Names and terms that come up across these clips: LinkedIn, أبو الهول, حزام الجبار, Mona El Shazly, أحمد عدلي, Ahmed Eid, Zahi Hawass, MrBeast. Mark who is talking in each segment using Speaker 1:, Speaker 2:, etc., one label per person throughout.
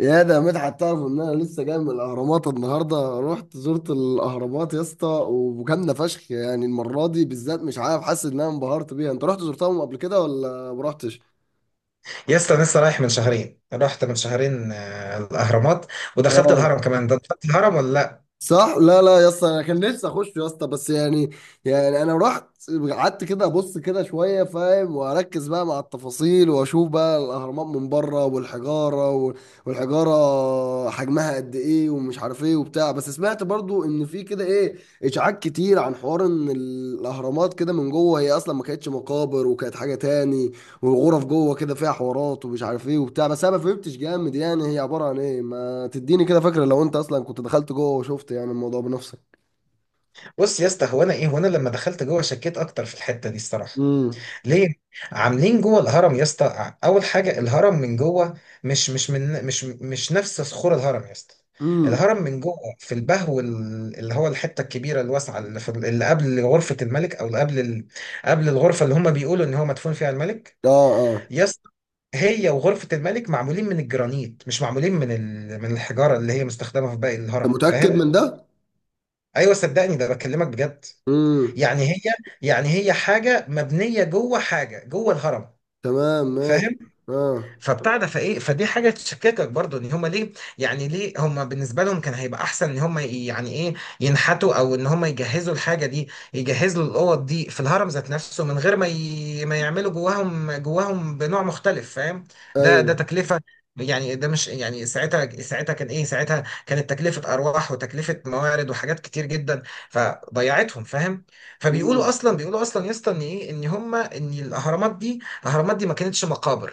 Speaker 1: يا ده مدحت، تعرف ان انا لسه جاي من الاهرامات النهارده. رحت زرت الاهرامات يا اسطى، وجامده فشخ. يعني المره دي بالذات مش عارف، حاسس ان انا انبهرت بيها. انت رحت زرتهم قبل كده ولا ما رحتش؟
Speaker 2: يا اسطى أنا لسه رايح من شهرين، رحت من شهرين، الاهرامات ودخلت الهرم كمان. ده دخلت الهرم ولا لا؟
Speaker 1: صح. لا لا يا اسطى، انا كان نفسي اخش يا اسطى، بس يعني انا رحت، قعدت كده ابص كده شويه، فاهم، واركز بقى مع التفاصيل، واشوف بقى الاهرامات من بره والحجاره والحجاره حجمها قد ايه ومش عارف ايه وبتاع. بس سمعت برضو ان في كده ايه، اشاعات كتير، عن حوار ان الاهرامات كده من جوه هي اصلا ما كانتش مقابر، وكانت حاجه تاني. والغرف جوه كده فيها حوارات ومش عارف ايه وبتاع، بس انا ما فهمتش جامد يعني هي عباره عن ايه. تديني كده فكرة لو انت اصلا كنت دخلت جوه وشفت يعني الموضوع بنفسك.
Speaker 2: بص يا اسطى، هو انا لما دخلت جوه شكيت اكتر في الحته دي الصراحه.
Speaker 1: امم.
Speaker 2: ليه؟ عاملين جوه الهرم يا اسطى اول حاجه، الهرم من جوه مش مش من مش مش نفس صخور الهرم يا اسطى.
Speaker 1: امم.
Speaker 2: الهرم من جوه في البهو اللي هو الحته الكبيره الواسعه اللي في اللي قبل غرفه الملك، او قبل الغرفه اللي هم بيقولوا ان هو مدفون فيها الملك.
Speaker 1: اه اه.
Speaker 2: يس، هي وغرفة الملك معمولين من الجرانيت، مش معمولين من الحجارة اللي هي مستخدمة في باقي
Speaker 1: انت
Speaker 2: الهرم،
Speaker 1: متأكد
Speaker 2: فاهم؟
Speaker 1: من ده؟
Speaker 2: ايوه صدقني، ده بكلمك بجد.
Speaker 1: امم.
Speaker 2: يعني هي، يعني هي حاجة مبنية جوه، حاجة جوه الهرم،
Speaker 1: تمام، ماشي.
Speaker 2: فاهم؟
Speaker 1: اه.
Speaker 2: فبتاع ده، فايه، فدي حاجه تشككك برضو ان هم ليه. يعني ليه هم، بالنسبه لهم كان هيبقى احسن ان هم يعني ايه، ينحتوا او ان هم يجهزوا الحاجه دي، يجهزوا الاوض دي في الهرم ذات نفسه من غير ما يعملوا جواهم بنوع مختلف، فاهم؟ ده
Speaker 1: ايوه.
Speaker 2: تكلفه. يعني ده مش يعني، ساعتها كانت تكلفه ارواح وتكلفه موارد وحاجات كتير جدا، فضيعتهم، فاهم؟ فبيقولوا
Speaker 1: امم.
Speaker 2: اصلا بيقولوا اصلا يا اسطى ان ايه، ان هم، ان الاهرامات دي، الاهرامات دي ما كانتش مقابر.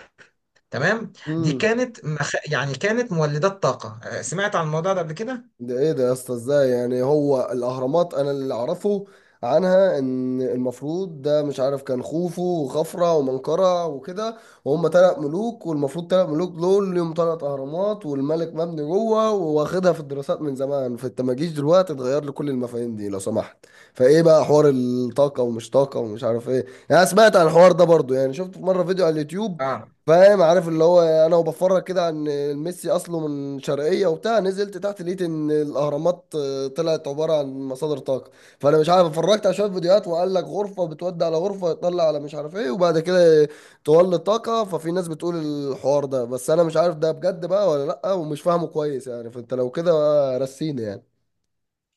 Speaker 2: تمام، دي
Speaker 1: امم.
Speaker 2: كانت مخ... يعني كانت مولدات طاقة. سمعت عن الموضوع ده قبل كده؟
Speaker 1: ده ايه ده يا اسطى؟ ازاي يعني؟ هو الاهرامات انا اللي اعرفه عنها ان المفروض، ده مش عارف، كان خوفو وخفرع ومنقرع وكده. وهم تلات ملوك، والمفروض تلات ملوك دول ليهم تلات اهرامات، والملك مبني جوه، واخدها في الدراسات من زمان، فانت ما جيش دلوقتي تغير لي كل المفاهيم دي لو سمحت. فايه بقى حوار الطاقه ومش طاقه ومش عارف ايه يعني؟ أنا سمعت عن الحوار ده برضو، يعني شفت في مره فيديو على اليوتيوب،
Speaker 2: اه.
Speaker 1: فاهم، عارف اللي هو انا وبفرج كده عن ميسي، اصله من شرقيه وبتاع، نزلت تحت لقيت ان الاهرامات طلعت عباره عن مصادر طاقه. فانا مش عارف، اتفرجت على شويه فيديوهات وقال لك غرفه بتودي على غرفه، يطلع على مش عارف ايه، وبعد كده تولد طاقه. ففي ناس بتقول الحوار ده، بس انا مش عارف ده بجد بقى ولا لا، ومش فاهمه كويس يعني، فانت لو كده بقى رسيني يعني.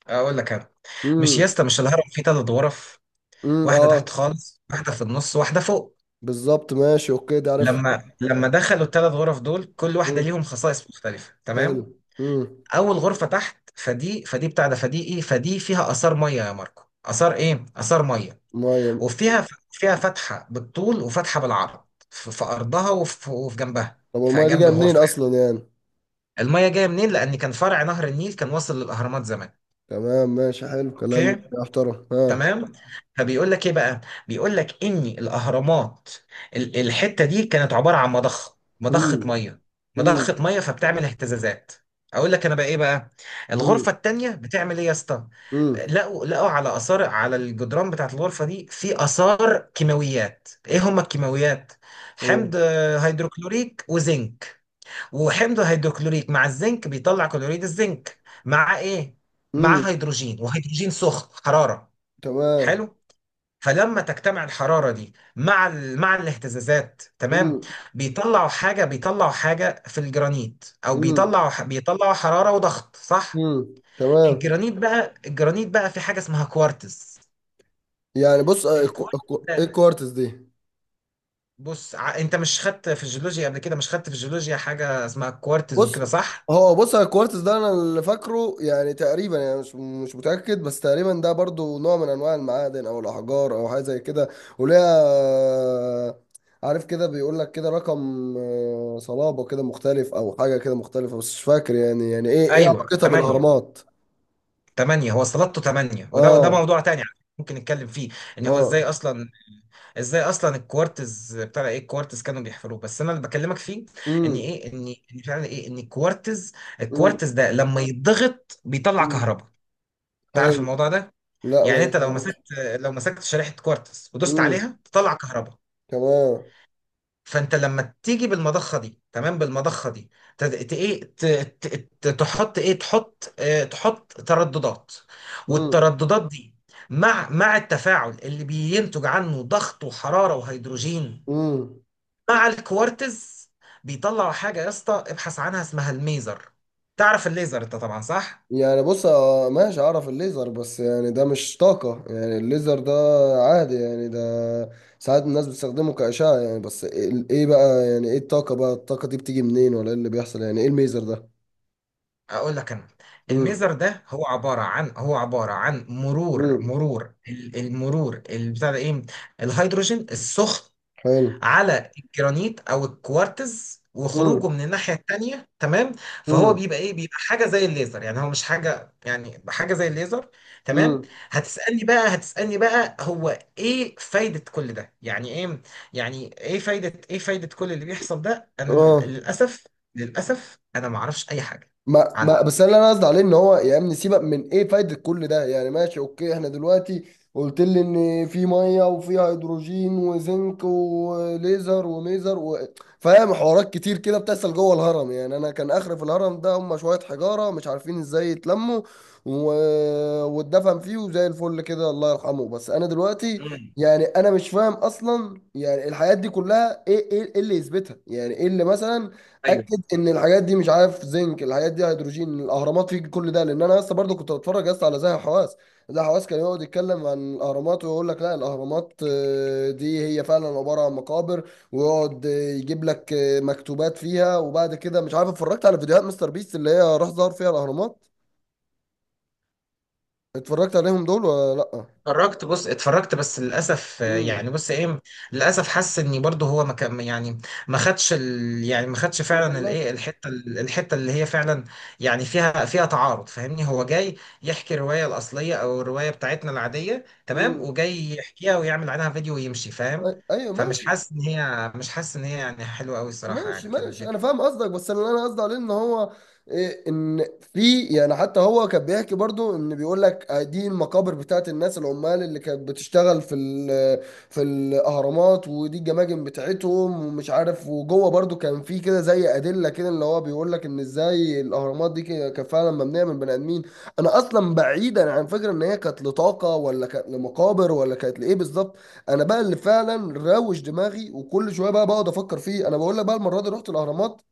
Speaker 2: اقول لك انا، مش يا
Speaker 1: امم.
Speaker 2: اسطى، مش الهرم فيه ثلاث غرف؟
Speaker 1: امم.
Speaker 2: واحدة تحت
Speaker 1: اه.
Speaker 2: خالص، واحدة في النص، واحدة فوق.
Speaker 1: بالظبط، ماشي اوكي، ده عارف.
Speaker 2: لما دخلوا الثلاث غرف دول، كل واحدة
Speaker 1: امم.
Speaker 2: ليهم خصائص مختلفة،
Speaker 1: حلو.
Speaker 2: تمام؟
Speaker 1: امم.
Speaker 2: اول غرفة تحت، فدي فدي بتاع ده فدي ايه فدي فيها آثار مية، يا ماركو، آثار مية.
Speaker 1: ميه.
Speaker 2: وفيها فتحة بالطول وفتحة بالعرض في أرضها وفي جنبها،
Speaker 1: طب
Speaker 2: في
Speaker 1: والميه دي
Speaker 2: جنب
Speaker 1: جايه منين
Speaker 2: الغرفة.
Speaker 1: اصلا يعني؟
Speaker 2: المية جاية منين؟ لأن كان فرع نهر النيل كان واصل للأهرامات زمان.
Speaker 1: تمام، ماشي، حلو كلام
Speaker 2: أوكي،
Speaker 1: يا محترم. ها.
Speaker 2: تمام. فبيقول لك إيه بقى، بيقول لك إن الأهرامات، الحتة دي كانت عبارة عن مضخة،
Speaker 1: امم.
Speaker 2: مضخة مية،
Speaker 1: امم.
Speaker 2: مضخة مية، فبتعمل اهتزازات. اقول لك انا بقى ايه بقى.
Speaker 1: امم.
Speaker 2: الغرفه التانية بتعمل ايه يا اسطى؟
Speaker 1: امم.
Speaker 2: لقوا على اثار، على الجدران بتاعت الغرفه دي، في اثار كيماويات. ايه هما الكيماويات؟ حمض
Speaker 1: ايه.
Speaker 2: هيدروكلوريك وزنك. وحمض هيدروكلوريك مع الزنك بيطلع كلوريد الزنك مع ايه؟ مع
Speaker 1: امم.
Speaker 2: هيدروجين، وهيدروجين سخن حرارة.
Speaker 1: تمام.
Speaker 2: حلو. فلما تجتمع الحرارة دي مع مع الاهتزازات، تمام،
Speaker 1: امم.
Speaker 2: بيطلعوا حاجة في الجرانيت، او
Speaker 1: امم.
Speaker 2: بيطلعوا حرارة وضغط، صح؟
Speaker 1: امم. تمام.
Speaker 2: الجرانيت بقى، الجرانيت بقى في حاجة اسمها كوارتز.
Speaker 1: يعني بص، الكو-
Speaker 2: الكوارتز
Speaker 1: الكو- ايه
Speaker 2: ده،
Speaker 1: الكوارتز دي؟
Speaker 2: انت مش خدت في الجيولوجيا قبل كده؟ مش خدت في الجيولوجيا حاجة اسمها كوارتز
Speaker 1: بص،
Speaker 2: وكده، صح؟
Speaker 1: هو بص، على الكوارتز ده انا اللي فاكره يعني تقريبا، يعني مش متاكد، بس تقريبا ده برضو نوع من انواع المعادن او الاحجار او حاجه زي كده. وليها، عارف كده، بيقول لك كده رقم، صلابه كده مختلف او حاجه كده مختلفه، بس مش فاكر يعني يعني ايه ايه
Speaker 2: ايوه
Speaker 1: علاقتها
Speaker 2: تمانية.
Speaker 1: بالاهرامات.
Speaker 2: تمانية، هو استلطه تمانية. وده
Speaker 1: اه.
Speaker 2: موضوع تاني على فكرة ممكن نتكلم فيه، ان هو ازاي
Speaker 1: اه.
Speaker 2: اصلا، الكوارتز، بتاع ايه الكوارتز كانوا بيحفروه. بس انا اللي بكلمك فيه ان
Speaker 1: امم.
Speaker 2: ايه، ان فعلا ايه، ان الكوارتز،
Speaker 1: امم.
Speaker 2: الكوارتز ده لما يتضغط بيطلع
Speaker 1: امم.
Speaker 2: كهرباء. تعرف
Speaker 1: حلو.
Speaker 2: الموضوع ده؟
Speaker 1: لا ما
Speaker 2: يعني انت لو مسكت،
Speaker 1: يعرفش.
Speaker 2: لو مسكت شريحة كوارتز ودوست
Speaker 1: امم.
Speaker 2: عليها تطلع كهرباء.
Speaker 1: تمام.
Speaker 2: فانت لما تيجي بالمضخه دي، تمام، بالمضخه دي ت- ت- ايه ت- ت- ت- تحط ايه تحط تحط ترددات.
Speaker 1: امم.
Speaker 2: والترددات دي مع التفاعل اللي بينتج عنه ضغط وحراره وهيدروجين،
Speaker 1: امم.
Speaker 2: مع الكوارتز، بيطلعوا حاجه يا اسطى، ابحث عنها، اسمها الميزر. تعرف الليزر انت طبعا، صح؟
Speaker 1: يعني بص، ماشي، اعرف الليزر، بس يعني ده مش طاقة يعني الليزر ده، عادي يعني ده ساعات الناس بتستخدمه كأشعة يعني. بس ايه بقى يعني ايه الطاقة؟ بقى الطاقة دي بتيجي منين، ولا ايه اللي بيحصل يعني؟ ايه الميزر ده؟
Speaker 2: اقول لك انا،
Speaker 1: امم.
Speaker 2: الميزر ده هو عباره عن، مرور،
Speaker 1: امم.
Speaker 2: مرور ال- المرور البتاع ده ايه الهيدروجين السخن
Speaker 1: حلو.
Speaker 2: على الجرانيت او الكوارتز، وخروجه
Speaker 1: امم.
Speaker 2: من الناحيه التانيه، تمام؟ فهو
Speaker 1: امم.
Speaker 2: بيبقى ايه، بيبقى حاجه زي الليزر. يعني هو مش حاجه، يعني حاجه زي الليزر، تمام؟
Speaker 1: امم.
Speaker 2: هتسالني بقى، هتسالني بقى هو ايه فايده كل ده، يعني ايه، يعني ايه فايده كل اللي بيحصل ده. انا
Speaker 1: اه.
Speaker 2: للاسف، للاسف انا ما اعرفش اي حاجه
Speaker 1: ما
Speaker 2: عنه.
Speaker 1: بس اللي انا قصدي عليه ان هو، يا ابني سيبك من ايه فايده كل ده يعني، ماشي اوكي. احنا دلوقتي قلت لي ان في ميه وفي هيدروجين وزنك وليزر وميزر و... فاهم، حوارات كتير كده بتحصل جوه الهرم. يعني انا كان اخر في الهرم ده، هم شويه حجاره مش عارفين ازاي يتلموا، و... واتدفن فيه وزي الفل كده، الله يرحمه. بس انا دلوقتي
Speaker 2: مم.
Speaker 1: يعني انا مش فاهم اصلا يعني الحاجات دي كلها ايه، ايه إيه اللي يثبتها يعني، ايه اللي مثلا اكد ان الحاجات دي، مش عارف زنك الحاجات دي هيدروجين، الاهرامات فيه كل ده؟ لان انا لسه برضه كنت بتفرج لسه على زاهي حواس. زاهي حواس كان يقعد يتكلم عن الاهرامات ويقول لك لا الاهرامات دي هي فعلا عباره عن مقابر، ويقعد يجيب لك مكتوبات فيها. وبعد كده مش عارف، اتفرجت على فيديوهات مستر بيست اللي هي راح ظهر فيها الاهرامات. اتفرجت عليهم دول ولا لا؟
Speaker 2: اتفرجت، بص اتفرجت، بس للاسف
Speaker 1: امم.
Speaker 2: يعني بص ايه، للاسف حاسس اني برضه هو ما كان يعني، ما خدش ال، يعني ما خدش فعلا
Speaker 1: كامله.
Speaker 2: الايه، الحته الحته اللي هي فعلا يعني فيها، فيها تعارض، فاهمني؟ هو جاي يحكي الروايه الاصليه، او الروايه بتاعتنا العاديه، تمام،
Speaker 1: امم.
Speaker 2: وجاي يحكيها ويعمل عنها فيديو ويمشي، فاهم؟
Speaker 1: ايوه
Speaker 2: فمش
Speaker 1: ماشي.
Speaker 2: حاسس ان هي، مش حاسس ان هي يعني حلوه قوي الصراحه،
Speaker 1: ماشي
Speaker 2: يعني كان
Speaker 1: ماشي، انا
Speaker 2: الفيديو.
Speaker 1: فاهم قصدك. بس اللي انا قصدي عليه ان هو، ان في، يعني حتى هو كان بيحكي برضو، ان بيقول لك دي المقابر بتاعت الناس العمال اللي كانت بتشتغل في في الاهرامات، ودي الجماجم بتاعتهم ومش عارف، وجوه برضو كان في كده زي ادله كده اللي هو بيقول لك ان ازاي الاهرامات دي كده كانت فعلا مبنيه من بني ادمين. انا اصلا بعيدا عن فكره ان هي كانت لطاقه ولا كانت لمقابر ولا كانت لايه بالظبط. انا بقى اللي فعلا روش دماغي وكل شويه بقى بقعد افكر فيه، انا بقول لك بقى، المره دي رحت الاهرامات،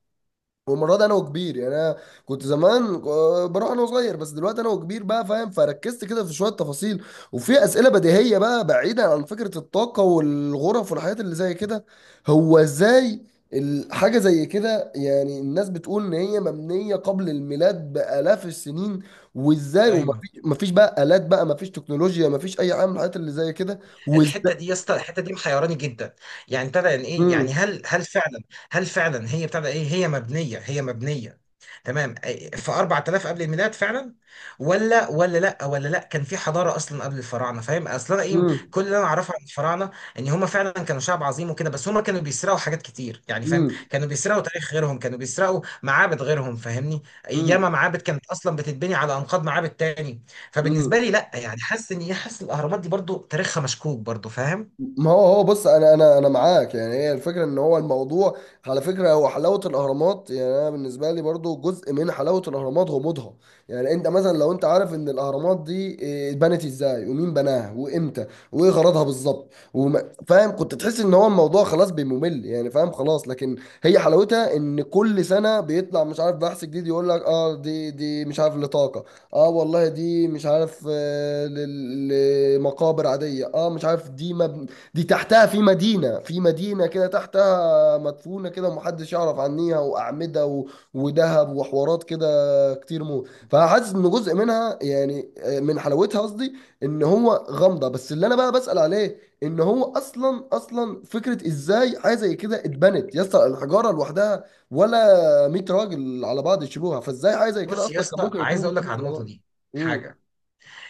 Speaker 1: والمره دي انا وكبير. يعني انا كنت زمان بروح انا وصغير، بس دلوقتي انا وكبير بقى فاهم، فركزت كده في شويه تفاصيل، وفي اسئله بديهيه بقى بعيدا عن فكره الطاقه والغرف والحاجات اللي زي كده. هو ازاي الحاجه زي كده يعني، الناس بتقول ان هي مبنيه قبل الميلاد بالاف السنين، وازاي؟
Speaker 2: ايوه
Speaker 1: ومفيش بقى الات، بقى مفيش تكنولوجيا، مفيش اي حاجه من الحاجات اللي زي كده.
Speaker 2: الحته دي يا اسطى، الحته دي محيراني جدا. يعني ابتدى يعني ايه يعني
Speaker 1: مم.
Speaker 2: هل، هل فعلا، هل فعلا هي ابتدى ايه هي مبنيه تمام في 4000 قبل الميلاد فعلا، ولا ولا لا ولا لا كان في حضاره اصلا قبل الفراعنه، فاهم؟ اصل انا ايه،
Speaker 1: مم.
Speaker 2: كل اللي انا اعرفه عن الفراعنه ان هم فعلا كانوا شعب عظيم وكده، بس هم كانوا بيسرقوا حاجات كتير، يعني فاهم،
Speaker 1: مم.
Speaker 2: كانوا بيسرقوا تاريخ غيرهم، كانوا بيسرقوا معابد غيرهم، فاهمني؟
Speaker 1: مم.
Speaker 2: ياما معابد كانت اصلا بتتبني على انقاض معابد تاني.
Speaker 1: مم.
Speaker 2: فبالنسبه لي لا، يعني حاسس ان حاسس الاهرامات دي برضو تاريخها مشكوك برضو، فاهم؟
Speaker 1: ما هو، هو بص، انا معاك، يعني هي الفكره ان هو الموضوع، على فكره، هو حلاوه الاهرامات، يعني انا بالنسبه لي برضو جزء من حلاوه الاهرامات غموضها. يعني انت مثلا لو انت عارف ان الاهرامات دي اتبنت ازاي ومين بناها وامتى وايه غرضها بالظبط فاهم، كنت تحس ان هو الموضوع خلاص بيممل يعني، فاهم خلاص. لكن هي حلاوتها ان كل سنه بيطلع مش عارف بحث جديد يقول لك اه، دي مش عارف لطاقه، اه والله دي مش عارف لمقابر عاديه، اه مش عارف دي مبنى، دي تحتها في مدينة، كده تحتها مدفونة كده ومحدش يعرف عنيها، وأعمدة و... وذهب وحوارات كده كتير موت. فحاسس إن جزء منها يعني من حلاوتها قصدي إن هو غامضة. بس اللي أنا بقى بسأل عليه إن هو أصلا، فكرة إزاي حاجة زي كده اتبنت يا اسطى؟ الحجارة لوحدها، ولا 100 راجل على بعض يشيلوها؟ فإزاي حاجة زي كده
Speaker 2: بص يا
Speaker 1: أصلا كان
Speaker 2: اسطى،
Speaker 1: ممكن
Speaker 2: عايز
Speaker 1: يكون
Speaker 2: اقول لك
Speaker 1: يشيلوها
Speaker 2: على
Speaker 1: على
Speaker 2: النقطه
Speaker 1: بعض؟
Speaker 2: دي
Speaker 1: امم.
Speaker 2: حاجه.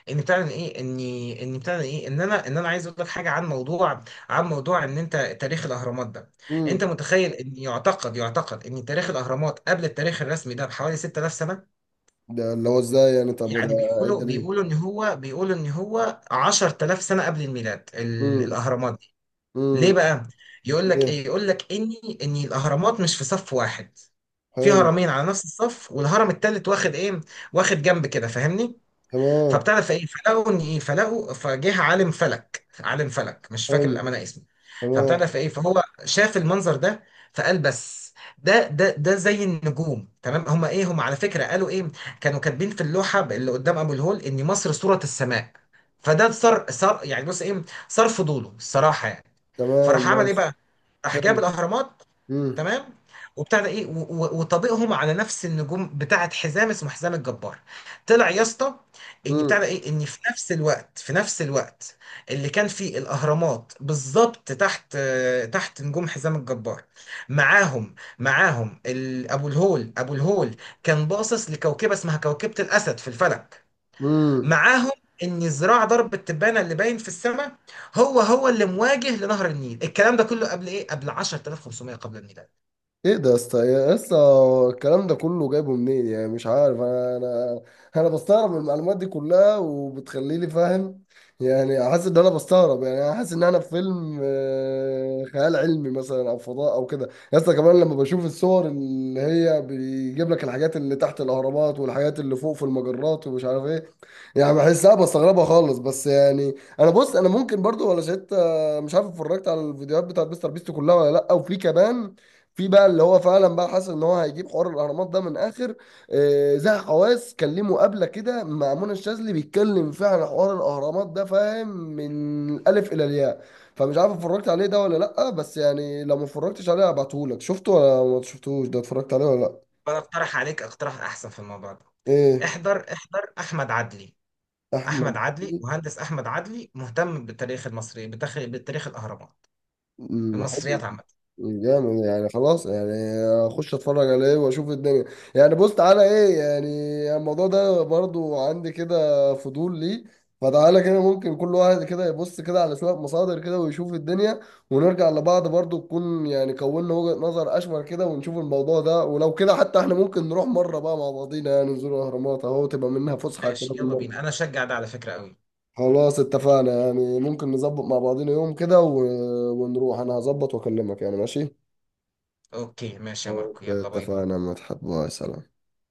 Speaker 2: ان بتاع ايه اني ان بتاع ايه ان انا ان انا عايز اقول لك حاجه عن موضوع، ان انت، تاريخ الاهرامات ده، انت
Speaker 1: امم.
Speaker 2: متخيل ان، يعتقد ان تاريخ الاهرامات قبل التاريخ الرسمي ده بحوالي 6000 سنه.
Speaker 1: ده اللي هو إزاي يعني؟ طب ده
Speaker 2: يعني
Speaker 1: إيه الدليل؟
Speaker 2: بيقولوا ان هو 10,000 سنه قبل الميلاد الاهرامات. ليه
Speaker 1: امم.
Speaker 2: بقى؟ يقول
Speaker 1: جه.
Speaker 2: لك ايه، يقول لك ان الاهرامات مش في صف واحد. في
Speaker 1: حلو.
Speaker 2: هرمين على نفس الصف، والهرم التالت واخد ايه، واخد جنب كده، فاهمني؟
Speaker 1: تمام.
Speaker 2: فبتعرف ايه، فلقوا ان ايه، فلقوا، فجه عالم فلك، عالم فلك مش فاكر
Speaker 1: حلو.
Speaker 2: الامانه اسمه.
Speaker 1: تمام.
Speaker 2: فبتعرف ايه، فهو شاف المنظر ده فقال بس ده، ده زي النجوم، تمام؟ هما ايه هما، على فكره قالوا ايه، كانوا كاتبين في اللوحه اللي قدام ابو الهول ان مصر صوره السماء. فده صار، صار يعني بص ايه صار فضوله الصراحه يعني.
Speaker 1: تمام
Speaker 2: فراح عمل ايه
Speaker 1: ماشي.
Speaker 2: بقى، راح جاب
Speaker 1: حلو.
Speaker 2: الاهرامات،
Speaker 1: مم.
Speaker 2: تمام، وبتاع ده ايه و- و- وطبيقهم على نفس النجوم بتاعه حزام، اسمه حزام الجبار. طلع يا اسطى ان بتاع ده
Speaker 1: مم.
Speaker 2: ايه ان في نفس الوقت، اللي كان فيه الاهرامات بالظبط تحت، تحت نجوم حزام الجبار. معاهم ابو الهول، ابو الهول كان باصص لكوكبه اسمها كوكبه الاسد في الفلك.
Speaker 1: مم.
Speaker 2: معاهم ان ذراع ضرب التبانه اللي باين في السماء هو اللي مواجه لنهر النيل. الكلام ده كله قبل ايه، قبل 10,500 قبل الميلاد.
Speaker 1: ايه ده يا اسطى؟ يا اسطى، الكلام ده كله جايبه منين يعني؟ مش عارف، انا انا بستغرب من المعلومات دي كلها، وبتخليني فاهم، يعني حاسس ان انا بستغرب. يعني انا حاسس ان انا في فيلم خيال علمي مثلا، او فضاء او كده يا اسطى، كمان لما بشوف الصور اللي هي بيجيب لك الحاجات اللي تحت الاهرامات والحاجات اللي فوق في المجرات ومش عارف ايه، يعني بحسها بستغربها خالص. بس يعني، انا بص، انا ممكن برضو ولا شفت، مش عارف اتفرجت على الفيديوهات بتاعت مستر بيست كلها ولا لا. وفي كمان، في بقى اللي هو فعلا بقى حاسس ان هو هيجيب حوار الاهرامات ده من اخر، زها حواس كان ليه مقابله كده مع منى الشاذلي بيتكلم فيها على حوار الاهرامات ده فاهم، من الالف الى الياء. فمش عارف اتفرجت عليه ده ولا لا، بس يعني لو ما اتفرجتش عليه هبعتهولك. شفته ولا ما شفتوش؟ ده اتفرجت عليه ولا لا؟
Speaker 2: وانا اقترح عليك اقتراح احسن في الموضوع ده.
Speaker 1: ايه؟
Speaker 2: احضر احمد عدلي.
Speaker 1: احمد
Speaker 2: احمد عدلي،
Speaker 1: عيد؟
Speaker 2: مهندس احمد عدلي، مهتم بالتاريخ المصري، بتاريخ، بالتاريخ، الاهرامات،
Speaker 1: مم، حلو.
Speaker 2: المصريات عامه.
Speaker 1: جامد يعني، خلاص يعني اخش اتفرج عليه واشوف الدنيا. يعني بص، تعالى ايه يعني، الموضوع ده برضو عندي كده فضول ليه. فتعالى كده ممكن كل واحد كده يبص كده على شوية مصادر كده ويشوف الدنيا، ونرجع لبعض برضو تكون يعني كوننا وجهة نظر اشمل كده، ونشوف الموضوع ده. ولو كده حتى احنا ممكن نروح مرة بقى مع بعضينا، يعني نزور الاهرامات اهو، تبقى منها فسحة كده
Speaker 2: ماشي يلا
Speaker 1: بالمرة.
Speaker 2: بينا، انا اشجع ده على فكره قوي.
Speaker 1: خلاص اتفقنا. يعني ممكن نظبط مع بعضينا يوم كده و... ونروح. انا هظبط واكلمك يعني، ماشي.
Speaker 2: اوكي ماشي يا ماركو،
Speaker 1: اوكي
Speaker 2: يلا باي باي.
Speaker 1: اتفقنا، ما تحب، باي، سلام.